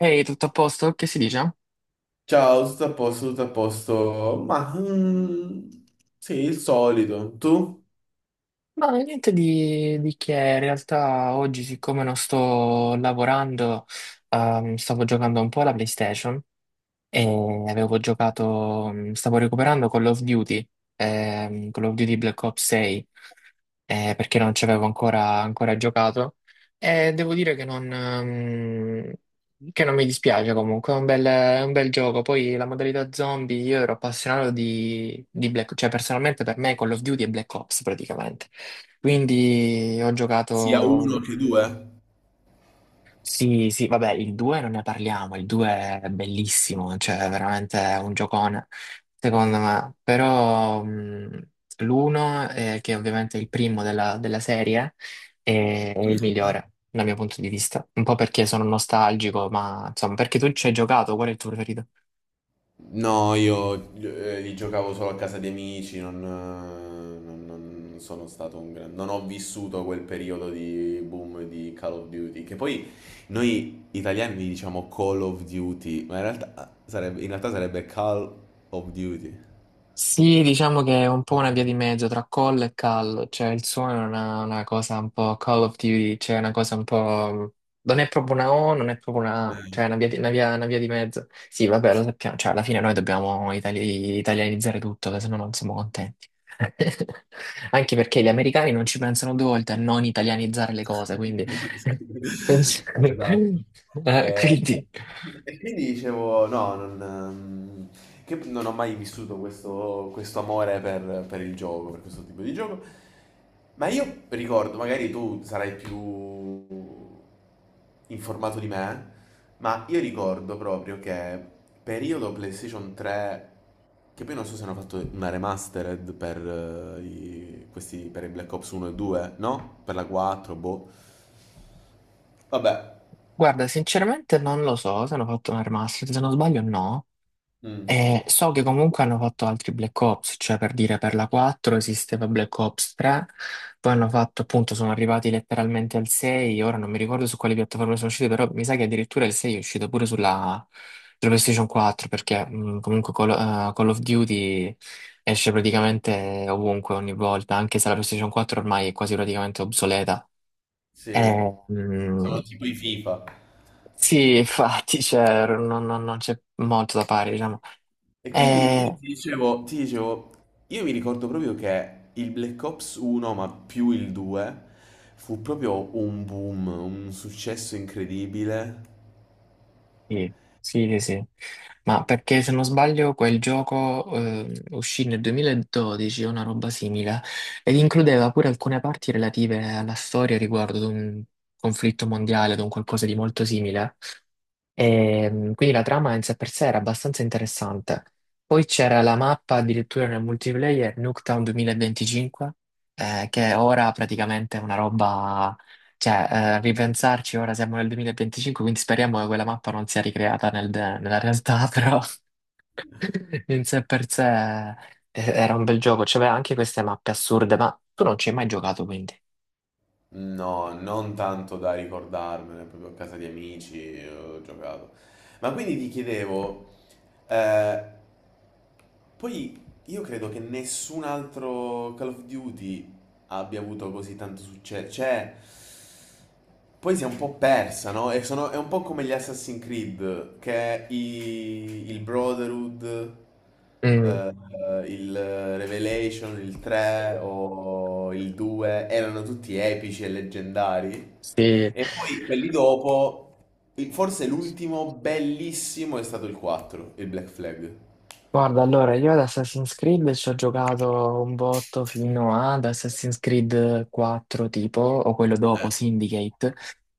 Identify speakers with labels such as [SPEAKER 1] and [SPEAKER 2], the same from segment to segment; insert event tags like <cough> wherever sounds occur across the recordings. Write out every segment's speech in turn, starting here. [SPEAKER 1] Ehi, tutto a posto? Che si dice?
[SPEAKER 2] Ciao, tutto a posto, tutto a posto. Ma sì, il solito. Tu?
[SPEAKER 1] Ma niente di che, in realtà oggi siccome non sto lavorando, stavo giocando un po' alla PlayStation. E avevo giocato, stavo recuperando Call of Duty Black Ops 6, perché non ci avevo ancora giocato. E devo dire che non mi dispiace comunque, è è un bel gioco. Poi la modalità zombie, io ero appassionato di Black Ops, cioè personalmente per me Call of Duty è Black Ops praticamente. Quindi ho
[SPEAKER 2] Sia uno
[SPEAKER 1] giocato.
[SPEAKER 2] che due?
[SPEAKER 1] Sì, sì, vabbè, il 2 non ne parliamo, il 2 è bellissimo, cioè è veramente un giocone, secondo me. Però l'1, che è ovviamente è il primo della serie, è il migliore dal mio punto di vista. Un po' perché sono nostalgico, ma insomma, perché tu ci hai giocato, qual è il tuo preferito?
[SPEAKER 2] No, io li giocavo solo a casa di amici, non, non sono stato un grande... Non ho vissuto quel periodo di boom di Call of Duty, che poi noi italiani li diciamo Call of Duty, ma in realtà sarebbe Call of Duty.
[SPEAKER 1] Sì, diciamo che è un po' una via di mezzo tra call e call, cioè il suono è una cosa un po' Call of Duty, cioè una cosa un po'... non è proprio una O, non è proprio una A, cioè è una via di, una via di mezzo. Sì, vabbè, lo sappiamo, cioè alla fine noi dobbiamo italianizzare tutto, che se no non siamo contenti. <laughs> Anche perché gli americani non ci pensano due volte a non italianizzare le cose, quindi... <laughs>
[SPEAKER 2] <laughs> Esatto. E
[SPEAKER 1] Quindi...
[SPEAKER 2] E quindi dicevo, no, non, che non ho mai vissuto questo, questo amore per il gioco, per questo tipo di gioco. Ma io ricordo, magari tu sarai più informato di me, ma io ricordo proprio che periodo PlayStation 3, che poi non so se hanno fatto una remastered per, i, questi, per i Black Ops 1 e 2, no? Per la 4, boh. Vabbè,
[SPEAKER 1] Guarda, sinceramente non lo so se hanno fatto un remaster, se non sbaglio no.
[SPEAKER 2] mm,
[SPEAKER 1] So che comunque hanno fatto altri Black Ops, cioè per dire per la 4 esisteva Black Ops 3, poi hanno fatto appunto, sono arrivati letteralmente al 6, ora non mi ricordo su quali piattaforme sono uscite, però mi sa che addirittura il 6 è uscito pure sulla PlayStation 4, perché comunque Call of Duty esce praticamente ovunque ogni volta, anche se la PlayStation 4 ormai è quasi praticamente obsoleta.
[SPEAKER 2] sì,
[SPEAKER 1] Eh, mh,
[SPEAKER 2] sono tipo i FIFA.
[SPEAKER 1] sì, <laughs> infatti, cioè, non c'è molto da fare, diciamo.
[SPEAKER 2] E quindi io
[SPEAKER 1] Eh,
[SPEAKER 2] ti dicevo, io mi ricordo proprio che il Black Ops 1, ma più il 2, fu proprio un boom, un successo incredibile.
[SPEAKER 1] Sì, sì, sì, sì. Ma perché se non sbaglio quel gioco uscì nel 2012 o una roba simile ed includeva pure alcune parti relative alla storia riguardo ad un conflitto mondiale, ad un qualcosa di molto simile. Quindi la trama in sé per sé era abbastanza interessante. Poi c'era la mappa addirittura nel multiplayer Nuketown 2025, che ora praticamente è una roba, cioè ripensarci ora siamo nel 2025, quindi speriamo che quella mappa non sia ricreata nella realtà, <laughs> però in sé per sé era un bel gioco, c'aveva anche queste mappe assurde, ma tu non ci hai mai giocato quindi.
[SPEAKER 2] No, non tanto da ricordarmene, proprio a casa di amici ho giocato. Ma quindi ti chiedevo, eh, poi io credo che nessun altro Call of Duty abbia avuto così tanto successo. Cioè, poi si è un po' persa, no? E è un po' come gli Assassin's Creed, che il Brotherhood,
[SPEAKER 1] Mm,
[SPEAKER 2] eh, il Revelation, il 3 o il 2 erano tutti epici e leggendari.
[SPEAKER 1] sì.
[SPEAKER 2] E poi quelli dopo, forse l'ultimo bellissimo è stato il 4, il Black Flag.
[SPEAKER 1] Guarda, allora, io ad Assassin's Creed ci ho giocato un botto fino ad Assassin's Creed 4, tipo, o quello dopo, Syndicate,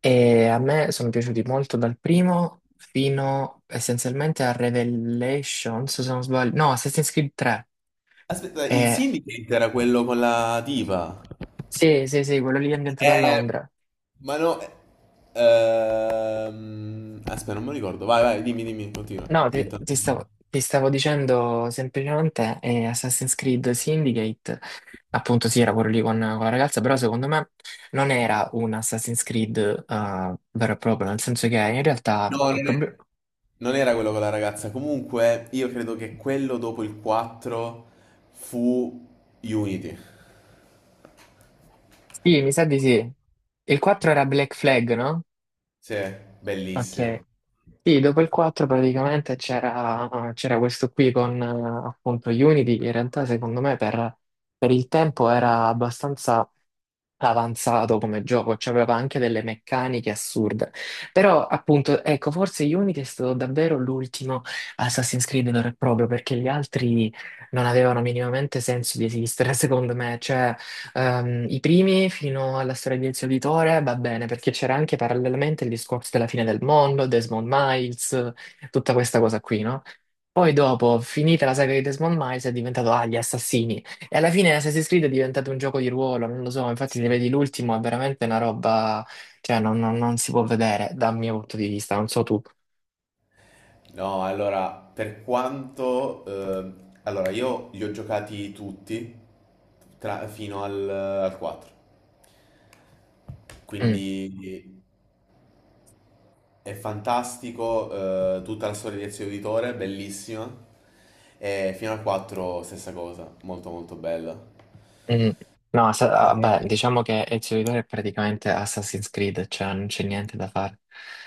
[SPEAKER 1] e a me sono piaciuti molto dal primo fino essenzialmente a Revelations, se non sbaglio, no, Assassin's Creed 3.
[SPEAKER 2] Aspetta, il
[SPEAKER 1] Eh,
[SPEAKER 2] Syndicate era quello con la diva.
[SPEAKER 1] sì, sì, sì, quello lì è ambientato a
[SPEAKER 2] Eh,
[SPEAKER 1] Londra.
[SPEAKER 2] ma no. Aspetta, non me lo ricordo. Vai, vai, dimmi, dimmi, continua.
[SPEAKER 1] No, ti,
[SPEAKER 2] Intanto.
[SPEAKER 1] ti stavo, ti stavo dicendo semplicemente Assassin's Creed Syndicate, appunto sì, era quello lì con la ragazza, però secondo me non era un Assassin's Creed vero e proprio, nel senso che in realtà
[SPEAKER 2] No,
[SPEAKER 1] il problema...
[SPEAKER 2] non era quello con la ragazza. Comunque, io credo che quello dopo il 4 fu Unity.
[SPEAKER 1] Sì, mi sa di sì. Il 4 era Black Flag, no?
[SPEAKER 2] Sì,
[SPEAKER 1] Ok.
[SPEAKER 2] bellissimo.
[SPEAKER 1] Sì, dopo il 4 praticamente c'era questo qui con appunto Unity, che in realtà secondo me per il tempo era abbastanza avanzato come gioco, cioè aveva anche delle meccaniche assurde. Però, appunto, ecco, forse Unity è stato davvero l'ultimo Assassin's Creed vero e proprio, perché gli altri non avevano minimamente senso di esistere, <laughs> secondo me. Cioè, i primi fino alla storia di Ezio Auditore va bene, perché c'era anche parallelamente il discorso della fine del mondo, Desmond Miles, tutta questa cosa qui, no? Poi dopo, finita la saga di Desmond Miles, è diventato, ah, gli assassini. E alla fine Assassin's Creed è diventato un gioco di ruolo, non lo so, infatti se vedi l'ultimo è veramente una roba, cioè non si può vedere dal mio punto di vista, non so tu.
[SPEAKER 2] No, allora, per quanto... allora, io li ho giocati tutti fino al, al 4.
[SPEAKER 1] Mm,
[SPEAKER 2] Quindi è fantastico, tutta la storia di Ezio Auditore, bellissima. E fino al 4 stessa cosa, molto molto bella.
[SPEAKER 1] mm. No, sa-
[SPEAKER 2] Eh,
[SPEAKER 1] vabbè, diciamo che Ezio Auditore è praticamente Assassin's Creed, cioè non c'è niente da fare.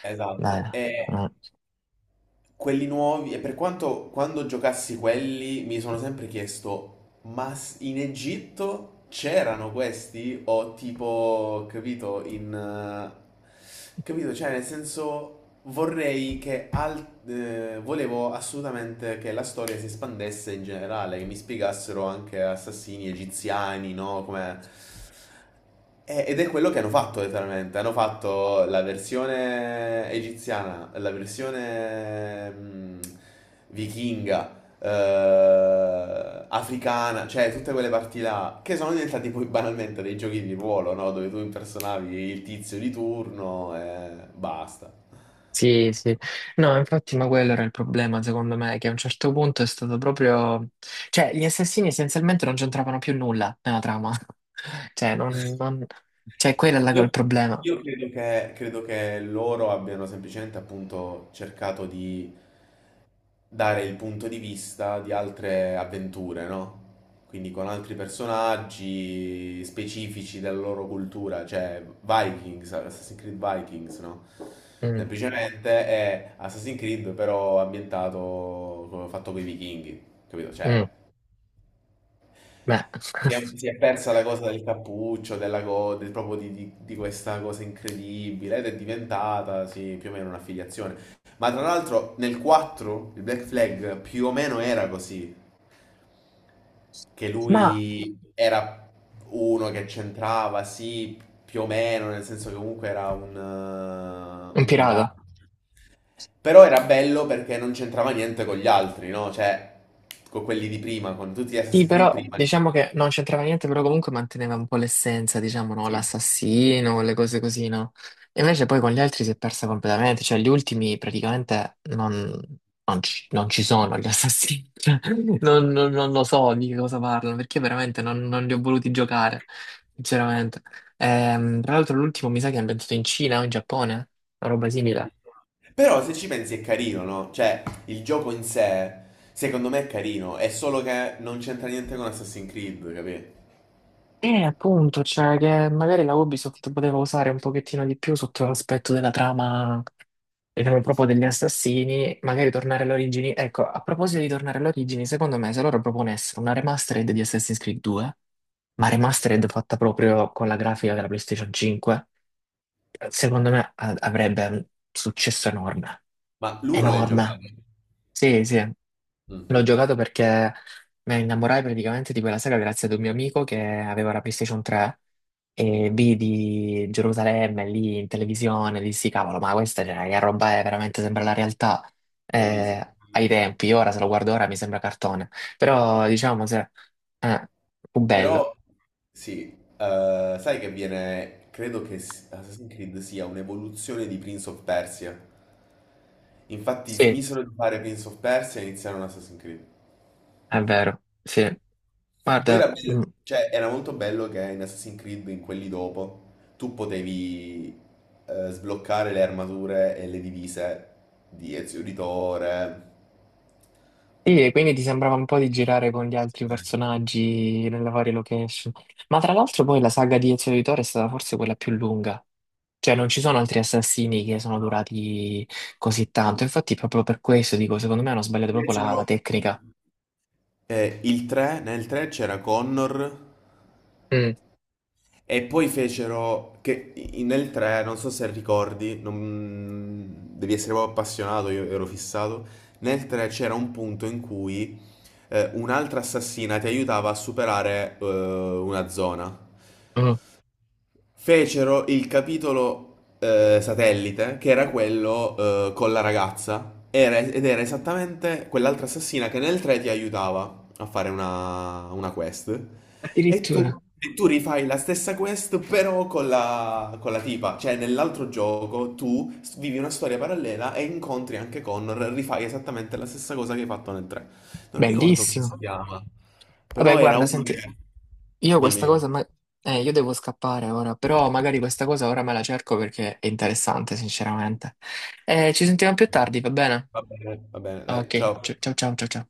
[SPEAKER 2] Esatto.
[SPEAKER 1] Beh, mm.
[SPEAKER 2] Quelli nuovi, e per quanto quando giocassi quelli mi sono sempre chiesto, ma in Egitto c'erano questi? O tipo, capito, in... capito, cioè nel senso vorrei che... volevo assolutamente che la storia si espandesse in generale, che mi spiegassero anche assassini egiziani, no? Come ed è quello che hanno fatto letteralmente, hanno fatto la versione egiziana, la versione vichinga, africana, cioè tutte quelle parti là, che sono diventati poi banalmente dei giochi di ruolo, no? Dove tu impersonavi il tizio di turno e basta.
[SPEAKER 1] Sì, sì. No, infatti, ma quello era il problema, secondo me, che a un certo punto è stato proprio... Cioè, gli assassini essenzialmente non c'entravano più nulla nella trama. <laughs> Cioè, non... cioè, il problema.
[SPEAKER 2] Credo che loro abbiano semplicemente appunto cercato di dare il punto di vista di altre avventure, no? Quindi con altri personaggi specifici della loro cultura, cioè Vikings, Assassin's Creed Vikings, no?
[SPEAKER 1] Mm.
[SPEAKER 2] Semplicemente è Assassin's Creed però ambientato come fatto con i vichinghi, capito?
[SPEAKER 1] Mm,
[SPEAKER 2] Cioè,
[SPEAKER 1] beh, <laughs>
[SPEAKER 2] si è persa la cosa del cappuccio, della proprio di, di questa cosa incredibile ed è diventata, sì, più o meno un'affiliazione. Ma tra l'altro nel 4 il Black Flag più o meno era così, che
[SPEAKER 1] ma
[SPEAKER 2] lui era uno che c'entrava, sì, più o meno, nel senso che comunque era
[SPEAKER 1] un
[SPEAKER 2] un pirata.
[SPEAKER 1] pirata.
[SPEAKER 2] Però era bello perché non c'entrava niente con gli altri, no? Cioè, con quelli di prima, con tutti gli
[SPEAKER 1] Sì,
[SPEAKER 2] Assassin's Creed
[SPEAKER 1] però
[SPEAKER 2] prima.
[SPEAKER 1] diciamo che non c'entrava niente, però comunque manteneva un po' l'essenza, diciamo, no?
[SPEAKER 2] Sì.
[SPEAKER 1] L'assassino, le cose così, no? E invece poi con gli altri si è persa completamente, cioè gli ultimi praticamente non, non ci sono gli assassini. <laughs> Cioè, non lo so di che cosa parlano, perché veramente non li ho voluti giocare, sinceramente. Tra l'altro l'ultimo mi sa che è ambientato in Cina o in Giappone, una roba simile.
[SPEAKER 2] Però se ci pensi è carino, no? Cioè, il gioco in sé, secondo me è carino, è solo che non c'entra niente con Assassin's Creed, capì?
[SPEAKER 1] Appunto, cioè che magari la Ubisoft poteva usare un pochettino di più sotto l'aspetto della trama, diciamo proprio degli assassini, magari tornare alle origini. Ecco, a proposito di tornare alle origini, secondo me se loro proponessero una remastered di Assassin's Creed 2, ma remastered fatta proprio con la grafica della PlayStation 5, secondo me avrebbe un successo enorme.
[SPEAKER 2] Ma l'uno l'hai giocato?
[SPEAKER 1] Enorme. Sì, sì.
[SPEAKER 2] Mm,
[SPEAKER 1] L'ho giocato perché mi innamorai praticamente di quella saga grazie ad un mio amico che aveva la PlayStation 3 e vidi Gerusalemme lì in televisione, dissi cavolo, ma questa cioè, che roba è, veramente sembra la realtà
[SPEAKER 2] bellissimo.
[SPEAKER 1] ai tempi, ora se lo guardo ora mi sembra cartone, però diciamo se, eh, fu bello,
[SPEAKER 2] Però sì, sai che viene, credo che Assassin's Creed sia un'evoluzione di Prince of Persia. Infatti
[SPEAKER 1] sì,
[SPEAKER 2] smisero di fare Prince of Persia e iniziarono Assassin's Creed.
[SPEAKER 1] è vero, sì,
[SPEAKER 2] Poi era
[SPEAKER 1] guarda,
[SPEAKER 2] bello,
[SPEAKER 1] mm,
[SPEAKER 2] cioè era molto bello che in Assassin's Creed, in quelli dopo, tu potevi sbloccare le armature e le divise di Ezio Auditore.
[SPEAKER 1] sì, e quindi ti sembrava un po' di girare con gli altri personaggi nelle varie location. Ma tra l'altro poi la saga di Ezio Auditore è stata forse quella più lunga. Cioè non ci sono altri assassini che sono durati così tanto. Infatti proprio per questo dico, secondo me hanno sbagliato proprio
[SPEAKER 2] Invece
[SPEAKER 1] la
[SPEAKER 2] no.
[SPEAKER 1] tecnica.
[SPEAKER 2] Il 3, nel 3 c'era Connor.
[SPEAKER 1] Mm,
[SPEAKER 2] E poi fecero che nel 3, non so se ricordi, devi essere proprio appassionato, io ero fissato. Nel 3 c'era un punto in cui un'altra assassina ti aiutava a superare una zona.
[SPEAKER 1] mm.
[SPEAKER 2] Fecero il capitolo satellite, che era quello con la ragazza. Ed era esattamente quell'altra assassina che nel 3 ti aiutava a fare una quest. E tu,
[SPEAKER 1] Addirittura.
[SPEAKER 2] e tu rifai la stessa quest però con la tipa, cioè nell'altro gioco tu vivi una storia parallela e incontri anche Connor, rifai esattamente la stessa cosa che hai fatto nel 3. Non ricordo come si
[SPEAKER 1] Bellissimo.
[SPEAKER 2] chiama,
[SPEAKER 1] Vabbè,
[SPEAKER 2] però era
[SPEAKER 1] guarda,
[SPEAKER 2] uno che...
[SPEAKER 1] senti, io
[SPEAKER 2] Dimmi,
[SPEAKER 1] questa cosa...
[SPEAKER 2] dimmi.
[SPEAKER 1] io devo scappare ora, però magari questa cosa ora me la cerco perché è interessante, sinceramente. Ci sentiamo più tardi, va bene?
[SPEAKER 2] Va bene, dai,
[SPEAKER 1] Ok,
[SPEAKER 2] ciao.
[SPEAKER 1] ciao ciao ciao ciao. Ciao.